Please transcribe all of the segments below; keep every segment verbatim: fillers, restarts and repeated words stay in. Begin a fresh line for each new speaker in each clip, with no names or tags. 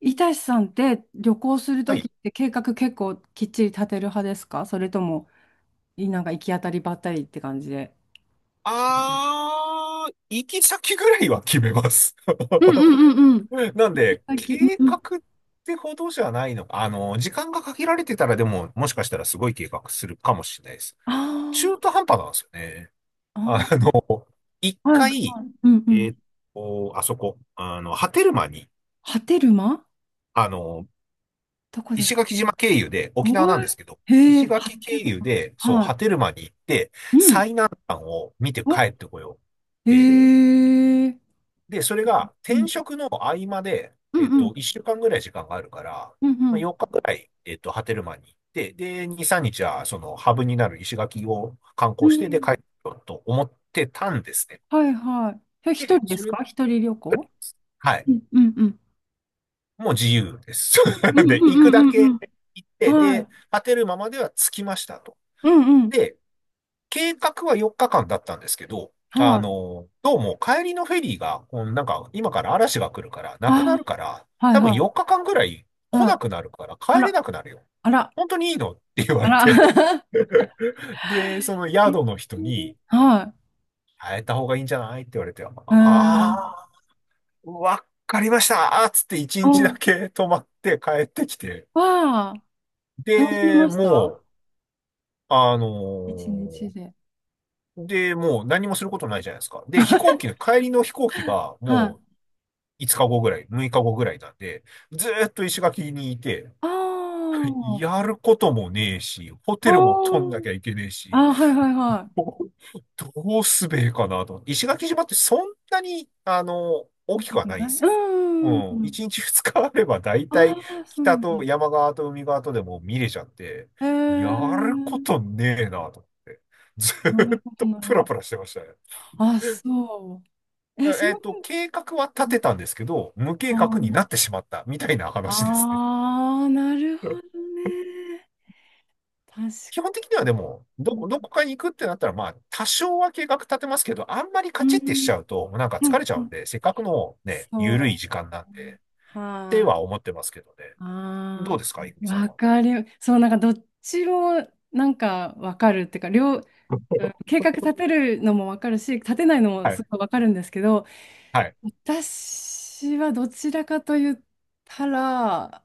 いたしさんって、旅行する
は
ときっ
い。
て計画結構きっちり立てる派ですか？それとも、いなんか行き当たりばったりって感じで。決める。
あー、行き先ぐらいは決めます。なん
行き
で、
先、
計
うん。
画ってほどじゃないのか。あの、時間が限られてたらでも、もしかしたらすごい計画するかもしれないです。
あ
中
ー。
途半端なんですよね。あ
あ
の、一
ー、はい、
回、
はい。うんう
え
ん。
ーっと、あそこ、あの、波照間に、
波照間、
あの、
どこです
石
か？
垣島経由で、沖縄な
お
ん
い。
ですけど、
へえ、
石
波
垣経
照
由
間。
で、そう、
は
波
い。
照間に行って、
うん。
最南端を見て
お、
帰ってこよう。っ
へ
て
え。
で、それが
う
転
ん
職の合間で、
う
えっ
んう
と、
ん
いっしゅうかんぐらい時間があるから、
うん
ま
う
あ、
ん。
日ぐらい、えっと、波照間に行って、で、に、さんにちは、その、ハブになる石垣を観
う
光して、で、
ん、
帰ろうと思ってたんですね。
はいはい。え、一
で、
人で
そ
す
れ、
か？一人旅行？
は
う
い。
んうんうん。
もう自由です。
う
で、
んう
行くだ
んうんうん
け
うん。
行って、
はい。
で、波照間までは着きましたと。
うんうん。
で、計画はよっかかんだったんですけど、
は
あ
い。
の、どうも帰りのフェリーが、こうなんか今から嵐が来るから、
あ
なくなるから、
あ、はい
多分
はい、
よっかかんぐらい来
は
な
い。
くなるから
あ
帰れ
ら、
なくなるよ。
あら、
本当にいいのって言わ
あ
れ
ら。
て。で、その
えー、
宿の人に、
は
変えた方がいいんじゃないって言われて、あ
い。えー、
あー、わかりましたつって1
お、
日だけ泊まって帰ってきて。
わあ、楽しめ
で、
まし
も
た？
う、あの
一日
ー
で。
で、もう何もすることないじゃないですか。で、飛行機の、帰りの飛行機が
は
も
い。
ういつかごぐらい、むいかごぐらいなんで、ずーっと石垣にいて、
あ あ、
やることもねえし、ホ
あ
テルも取んなき
ー。
ゃいけねえし、
あー、はいはいはい。
どどうすべえかなと思って。石垣島ってそんなに、あの、大
大
き
き
くは
く
ないんで
ない、
すよ。
う
うん。
ん。
いちにちふつかあれば大
あ
体
あ、そう
北
なん
と
だ。
山側と海側とでも見れちゃって、
えー、
やることねえなと思って。ず
なる
ーっ
ほど、
と
なるほ
プラ
ど。
プラしてましたね。
あ、そう。え、その
えっ
分、
と、計画は立てたんですけど、無計
は
画になってしまったみたいな
あ、
話ですね。
ああ、なる
う
ほ
ん。
どね。確か
基本的にはでも、ど、
に。
どこかに行くってなったら、まあ、多少は計画立てますけど、あんまりカ
う
チッてしち
ん、
ゃうと、なんか
う
疲
ん、
れちゃ
う
うん
ん。
で、せっかくのね、
そ
ゆ
う
るい時間なん
だね。
で、って
は
は
い。
思ってますけどね。どう
あ
ですか、いふ
あ、
みさん
わ
は。
かる。そう、なんかどっちもなんかわかるっていうか、両、うん、計画立てるのもわかるし、立てないのも
はい、
すごいわかるんですけど、
はい、
私はどちらかと言ったら、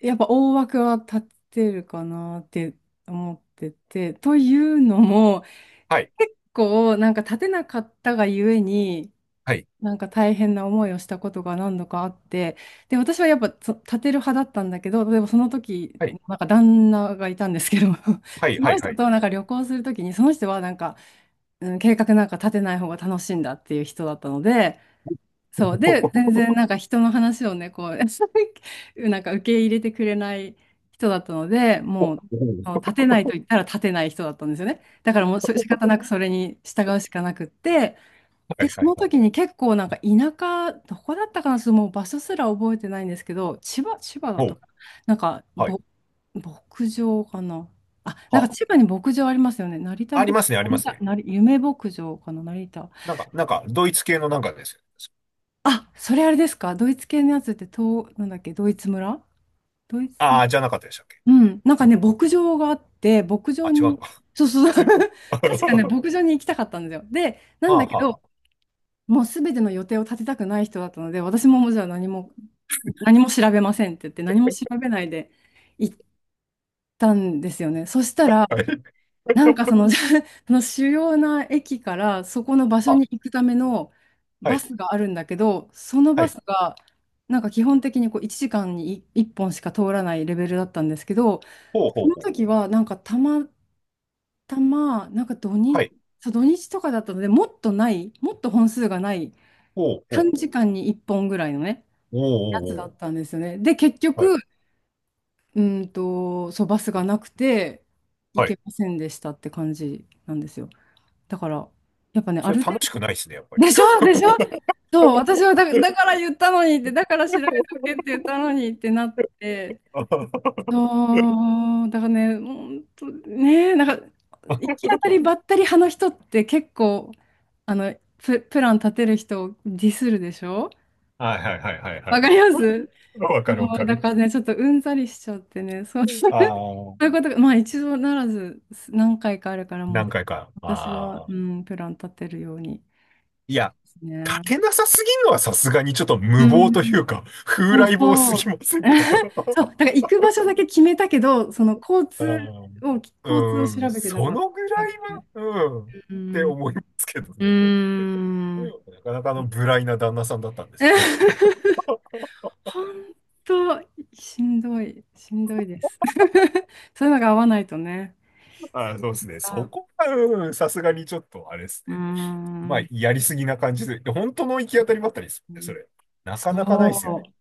やっぱ大枠は立てるかなって思ってて、というのも、
はい、
結構なんか立てなかったがゆえに、
はい、
なんか大変な思いをしたことが何度かあって、で、私はやっぱそ立てる派だったんだけど、例えばその時、
はい、
なんか旦那がいたんですけど、
はい、
そ
は
の
い、は
人
い。
となんか旅行する時に、その人はなんか、うん、計画なんか立てない方が楽しいんだっていう人だったので、そう、
お
で、全
う。
然なんか人の話をね、こう、なんか受け入れてくれない人だったので、もう、あの立てないと言ったら立てない人だったんですよね。だからもうし仕方なくそれに従うしかなくって、
は
で、
い、は
そ
い、
の
は
時
い。
に結構なんか田舎、どこだったかな、ちょっともう場所すら覚えてないんですけど、千葉、千葉だっ
お
た
う。
かな。なんか、
はい。
ぼ、牧場かな。あ、なんか
あ、
千葉に牧場ありますよね。成田
あり
牧、
ますね、ありま
成
す
田、
ね。
成夢牧場かな、成田。
なんか、なんか、ドイツ系のなんかですよ。
あ、それあれですか？ドイツ系のやつって、と、なんだっけ、ドイツ村、ドイツ、
ああ、じゃなかったでしたっけ。
うん。なんかね、牧場があって、牧
あ、
場
違う
に、
のか。
そうそうそう。確かね、
は
牧場に行きたかったんですよ。で、なん
あ。
だけ
は
ど、
あ、は
もうすべての予定を立てたくない人だったので、私ももうじゃあ何も、何も調べませんって言って、何も調べないで行ったんですよね。そしたら、
あ、はい。
なんかその、その主要な駅からそこの場所
あ、
に行くための
は
バ
い、
スがあるんだけど、その
は
バス
い。
が、なんか基本的にこういちじかんにいっぽんしか通らないレベルだったんですけど、
ほう
そ
ほう
の
ほう。
時はなんかたまたま、なんか土
は
日、
い。
そう土日とかだったので、もっとない、もっと本数がない。
ほうほ
短
うほ
時
う。
間にいっぽんぐらいのね、
おー
やつ
お
だ
ーお
っ
ー。
たんですよね。で、結
は
局、う
い、
ーんと、そう、バスがなくて、行
はい。
けませんでしたって感じなんですよ。だから、やっぱね、あ
それ
る程
楽しくないですね、やっぱり。
度、でしょでしょ。そう、私はだ、だから言ったのにって、だから調べておけって言ったのにってなって、
は
そう、だからね、本当ね、なんか、行き当たりばったり派の人って結構、あの、プ、プラン立てる人をディスるでしょ？
いはいはいはいは
わかり
い。
ます？
わ
そ
かるわか
うだ
る。
からね、ちょっとうんざりしちゃってね、そう、そう
ああ、
いうことが、まあ一度ならず何回かあるからもう、
何回か。
私は、
あ
う
あ。
ん、プラン立てるように
い
して
や、
ます
立て
ね。
なさすぎるのはさすがにちょっと
う
無謀
ん。
とい うか、風
そう
来坊す
そ
ぎ
う。
ませんか？
そう、だから行く場所だけ決めたけど、その交
あ
通
ー、
を、交通を
うん、
調べてな
そ
かっ
のぐら
たっ
い
ていう。
は、うん、っ
う
て
ん。
思いますけど
うー
ね。う
ん。
ん。なかなかあの無頼な旦那さんだったんですね。
本当、しんどい、しんどいです。そういうのが合わないとね。
あ、そうですね。そ
あ、
こは、うん、さすがにちょっと、あれです
うー
ね。まあ、
ん。
やりすぎな感じで、で本当の行き当たりばったりですよね、それ。なかなかないですよね。
そう。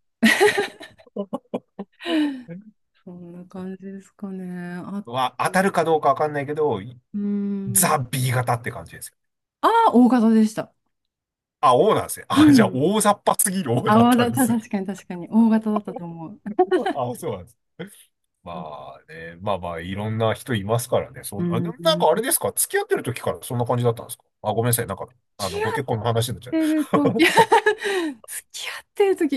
そんな感じですかね。あ
は、
と、
当たるかどうかわかんないけど、
うー
ザ・
ん。
B 型って感じですよ。
ああ、大型でした。
あ、O なんですね。
う
あ、じゃあ、
ん。
大雑把すぎる O
あ、
だっ
わ
た
ざ
んで
た
す。
確かに確かに。大型だったと思う。
あ、そうなんです。
そう、
まあね、まあまあ、いろんな人いますからね。そ
う
ん、あ、で
ん。
もなんかあれですか、付き合ってる時からそんな感じだったんですか？あ、ごめんなさい。なんか、あ
付
の、
き合
ご
っ
結婚の話になっちゃ
てる時
う。
付き合ってる時、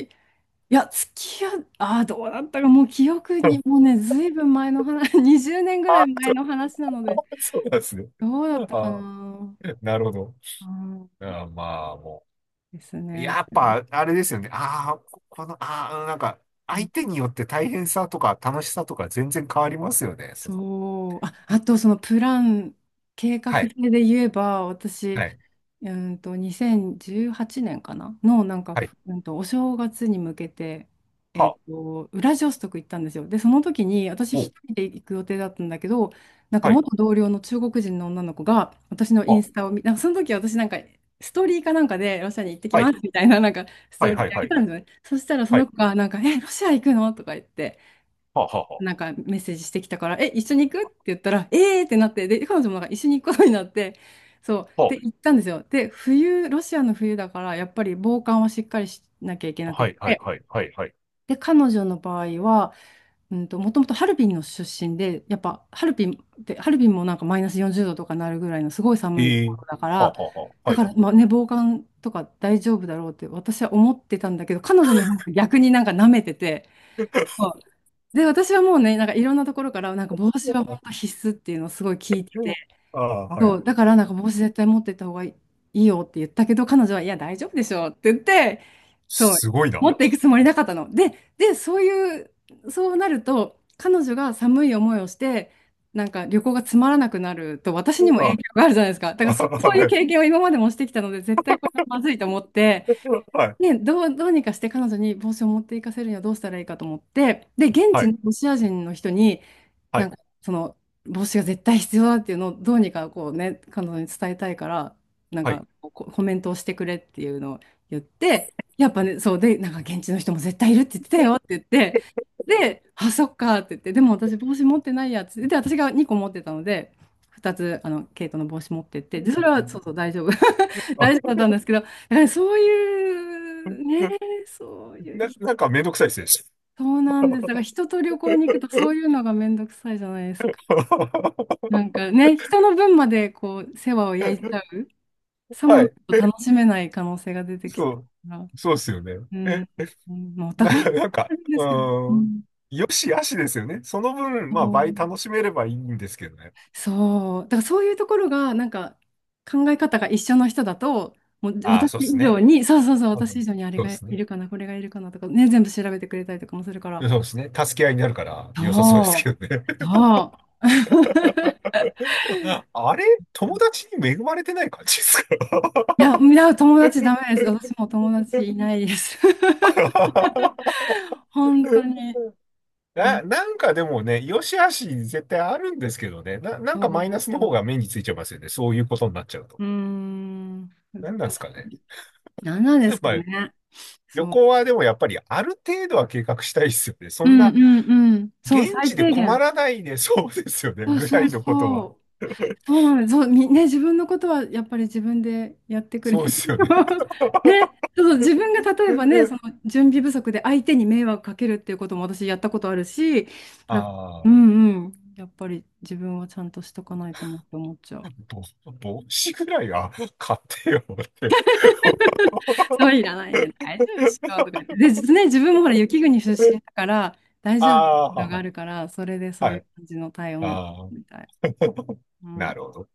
いや、付き合っ、ああ、どうだったか、もう記憶に、もうね、ずいぶん前の話、にじゅうねんぐら
あ
い
あ、
前
そ
の
う、
話なので、
あ、そうなんですね。
どうだったか
ああ、
な。
なるほど。
うん
あー、まあ、も
です
う。
ね。
やっぱ、あれですよね。ああ、ここの、ああ、なんか、相手によって大変さとか楽しさとか全然変わりますよね。その、
そう。あ、あとそのプラン、計画
は
性
い、
で言えば、私、
はい、
うーんと、にせんじゅうはちねんかなの、なんか、
はい、
うんと、お正月に向けて、
は
えっ
あ、
と、ウラジオストク行ったんですよ。で、その時に、私
お、
一人で行く予定だったんだけど、なんか
はい、
元同僚の中国人の女の子が、私のイン
は
スタを見、なんかその時私なんか、ストーリーかなんかでロシアに行ってき
あ、は
ま
い、
すみたいな、なんかス
は
ト
い、
ーリー
はい、
あ
は
げた
い、
んですよね。そしたらそ
は
の
い、
子が、なんか、え、ロシア行くのとか言って、
はあ、はあ、は
なんかメッセージしてきたから、え、一緒に行くって言ったら、えーってなって、で、彼女もなんか一緒に行くことになって、そう、で、行ったんですよ。で、冬、ロシアの冬だから、やっぱり防寒はしっかりしなきゃいけ
あ、
な
はあ、
くっ
はい、はい、
て、
はい、はい、はい、
で、彼女の場合は、うんと、もともとハルビンの出身で、やっぱハルビンって、ハルビンもなんかマイナスよんじゅうどとかなるぐらいのすごい寒いと
ええ、
ころだか
はあ、
ら、
はあ、はあ、
だ
は
か
い。
ら、まあね、防寒とか大丈夫だろうって私は思ってたんだけど、彼女の方が逆になんか舐めてて、で、私はもうね、なんかいろんなところから、なんか帽子は本当必須っていうのをすごい聞いてて、
ああ、は
そ
い。
う、だからなんか帽子絶対持ってった方がいいいいよって言ったけど、彼女は、いや、大丈夫でしょうって言って、そう、
すごいな。
持っていくつもりなかったの。で、で、そういう、そうなると、彼女が寒い思いをして、なんか旅行がつまらなくなると、私にも影
あ、
響があるじゃないですか。だか
あ、
らそ、そうい
は
う
い、
経験を今までもしてきたので、絶対これはまずいと思って、
はい、
ね、どう、どうにかして彼女に帽子を持っていかせるにはどうしたらいいかと思って、で、現
は
地の
い、
ロシア人の人に、
は
なん
い、
かその帽子が絶対必要だっていうのをどうにかこうね彼女に伝えたいから、なん
はい。
かこコメントをしてくれっていうのを言って、やっぱねそうで、なんか現地の人も絶対いるって言ってたよって言って、で「あ、そっか」って言って、「でも私帽子持ってないや」っつって、で私がにこ持ってたので、ふたつあのケイトの帽子持ってって、でそれはそうそう大丈夫 大丈夫だったんですけど、だからそういうね、そういう
な、
人、
なんかめんどくさいですね。
そうなんです、だから人と旅行に行くとそうい うのがめんどくさいじゃないですか。なんかね、人の分までこう、世話を焼いちゃう。さも
は
ない
い。
と楽しめない可能性が出てきち
そ
ゃ
う。
うから。
そうですよね。
うん、
え、
うまあ、お
な、
互いに
なん
あ
か、
るんで
う
すけど。う
ーん。
ん、
よしあしですよね。その分、
そ
まあ、倍
う、
楽しめればいいんですけどね。
そうだからそういうところが、なんか考え方が一緒の人だと、もう
ああ、
私
そうで
以
す
上
ね。
に、そうそうそう、
あ
私
の、
以上にあれ
そうで
がい
すね。
るかな、これがいるかなとか、ね、全部調べてくれたりとかもするか
そ
ら。
うですね。助け合いになるから良さそうです
そ
けどね。
う、そう。
あれ、友達に恵まれてない感じですか？
いや、いや、友達ダメです。私も友達いないです。本当に、な、
な、なんかでもね、良し悪し絶対あるんですけどね。な、なんかマイナスの方
そ
が目についちゃいますよね。そういうことになっちゃうと。
う、うーん、難
なんなんですか
し
ね。
い。何なんですか
まあ、
ね。
旅
そう。
行はでもやっぱりある程度は計画したいですよね。そ
う
ん
ん
な、
うんうん。そう、
現
最
地で
低
困
限。
らないで、そうですよね。
そう
ぐら
そう
いのこと
そ
は。
う。そうなのよ。そう、みね、自分のことはやっぱり自分でやってくれ
そ
な
う
い
ですよね。
と。 ね、そう、自分が例えばね、その準備不足で相手に迷惑かけるっていうことも私やったことあるし、だ、う
ああ、
んうん。やっぱり自分はちゃんとしとかないとなって思っちゃう。
ぼ、帽子ぐらいは買ってよって。
そういらない。いや、大丈夫っしょとか言って。で、実ね、自分もほら、雪国出身だから、大丈夫
あ
があ
あ、
るから、それでそう
は
い
い。
う感じの対応になっ
ああ、
たみたい。う
な
ん。
るほど。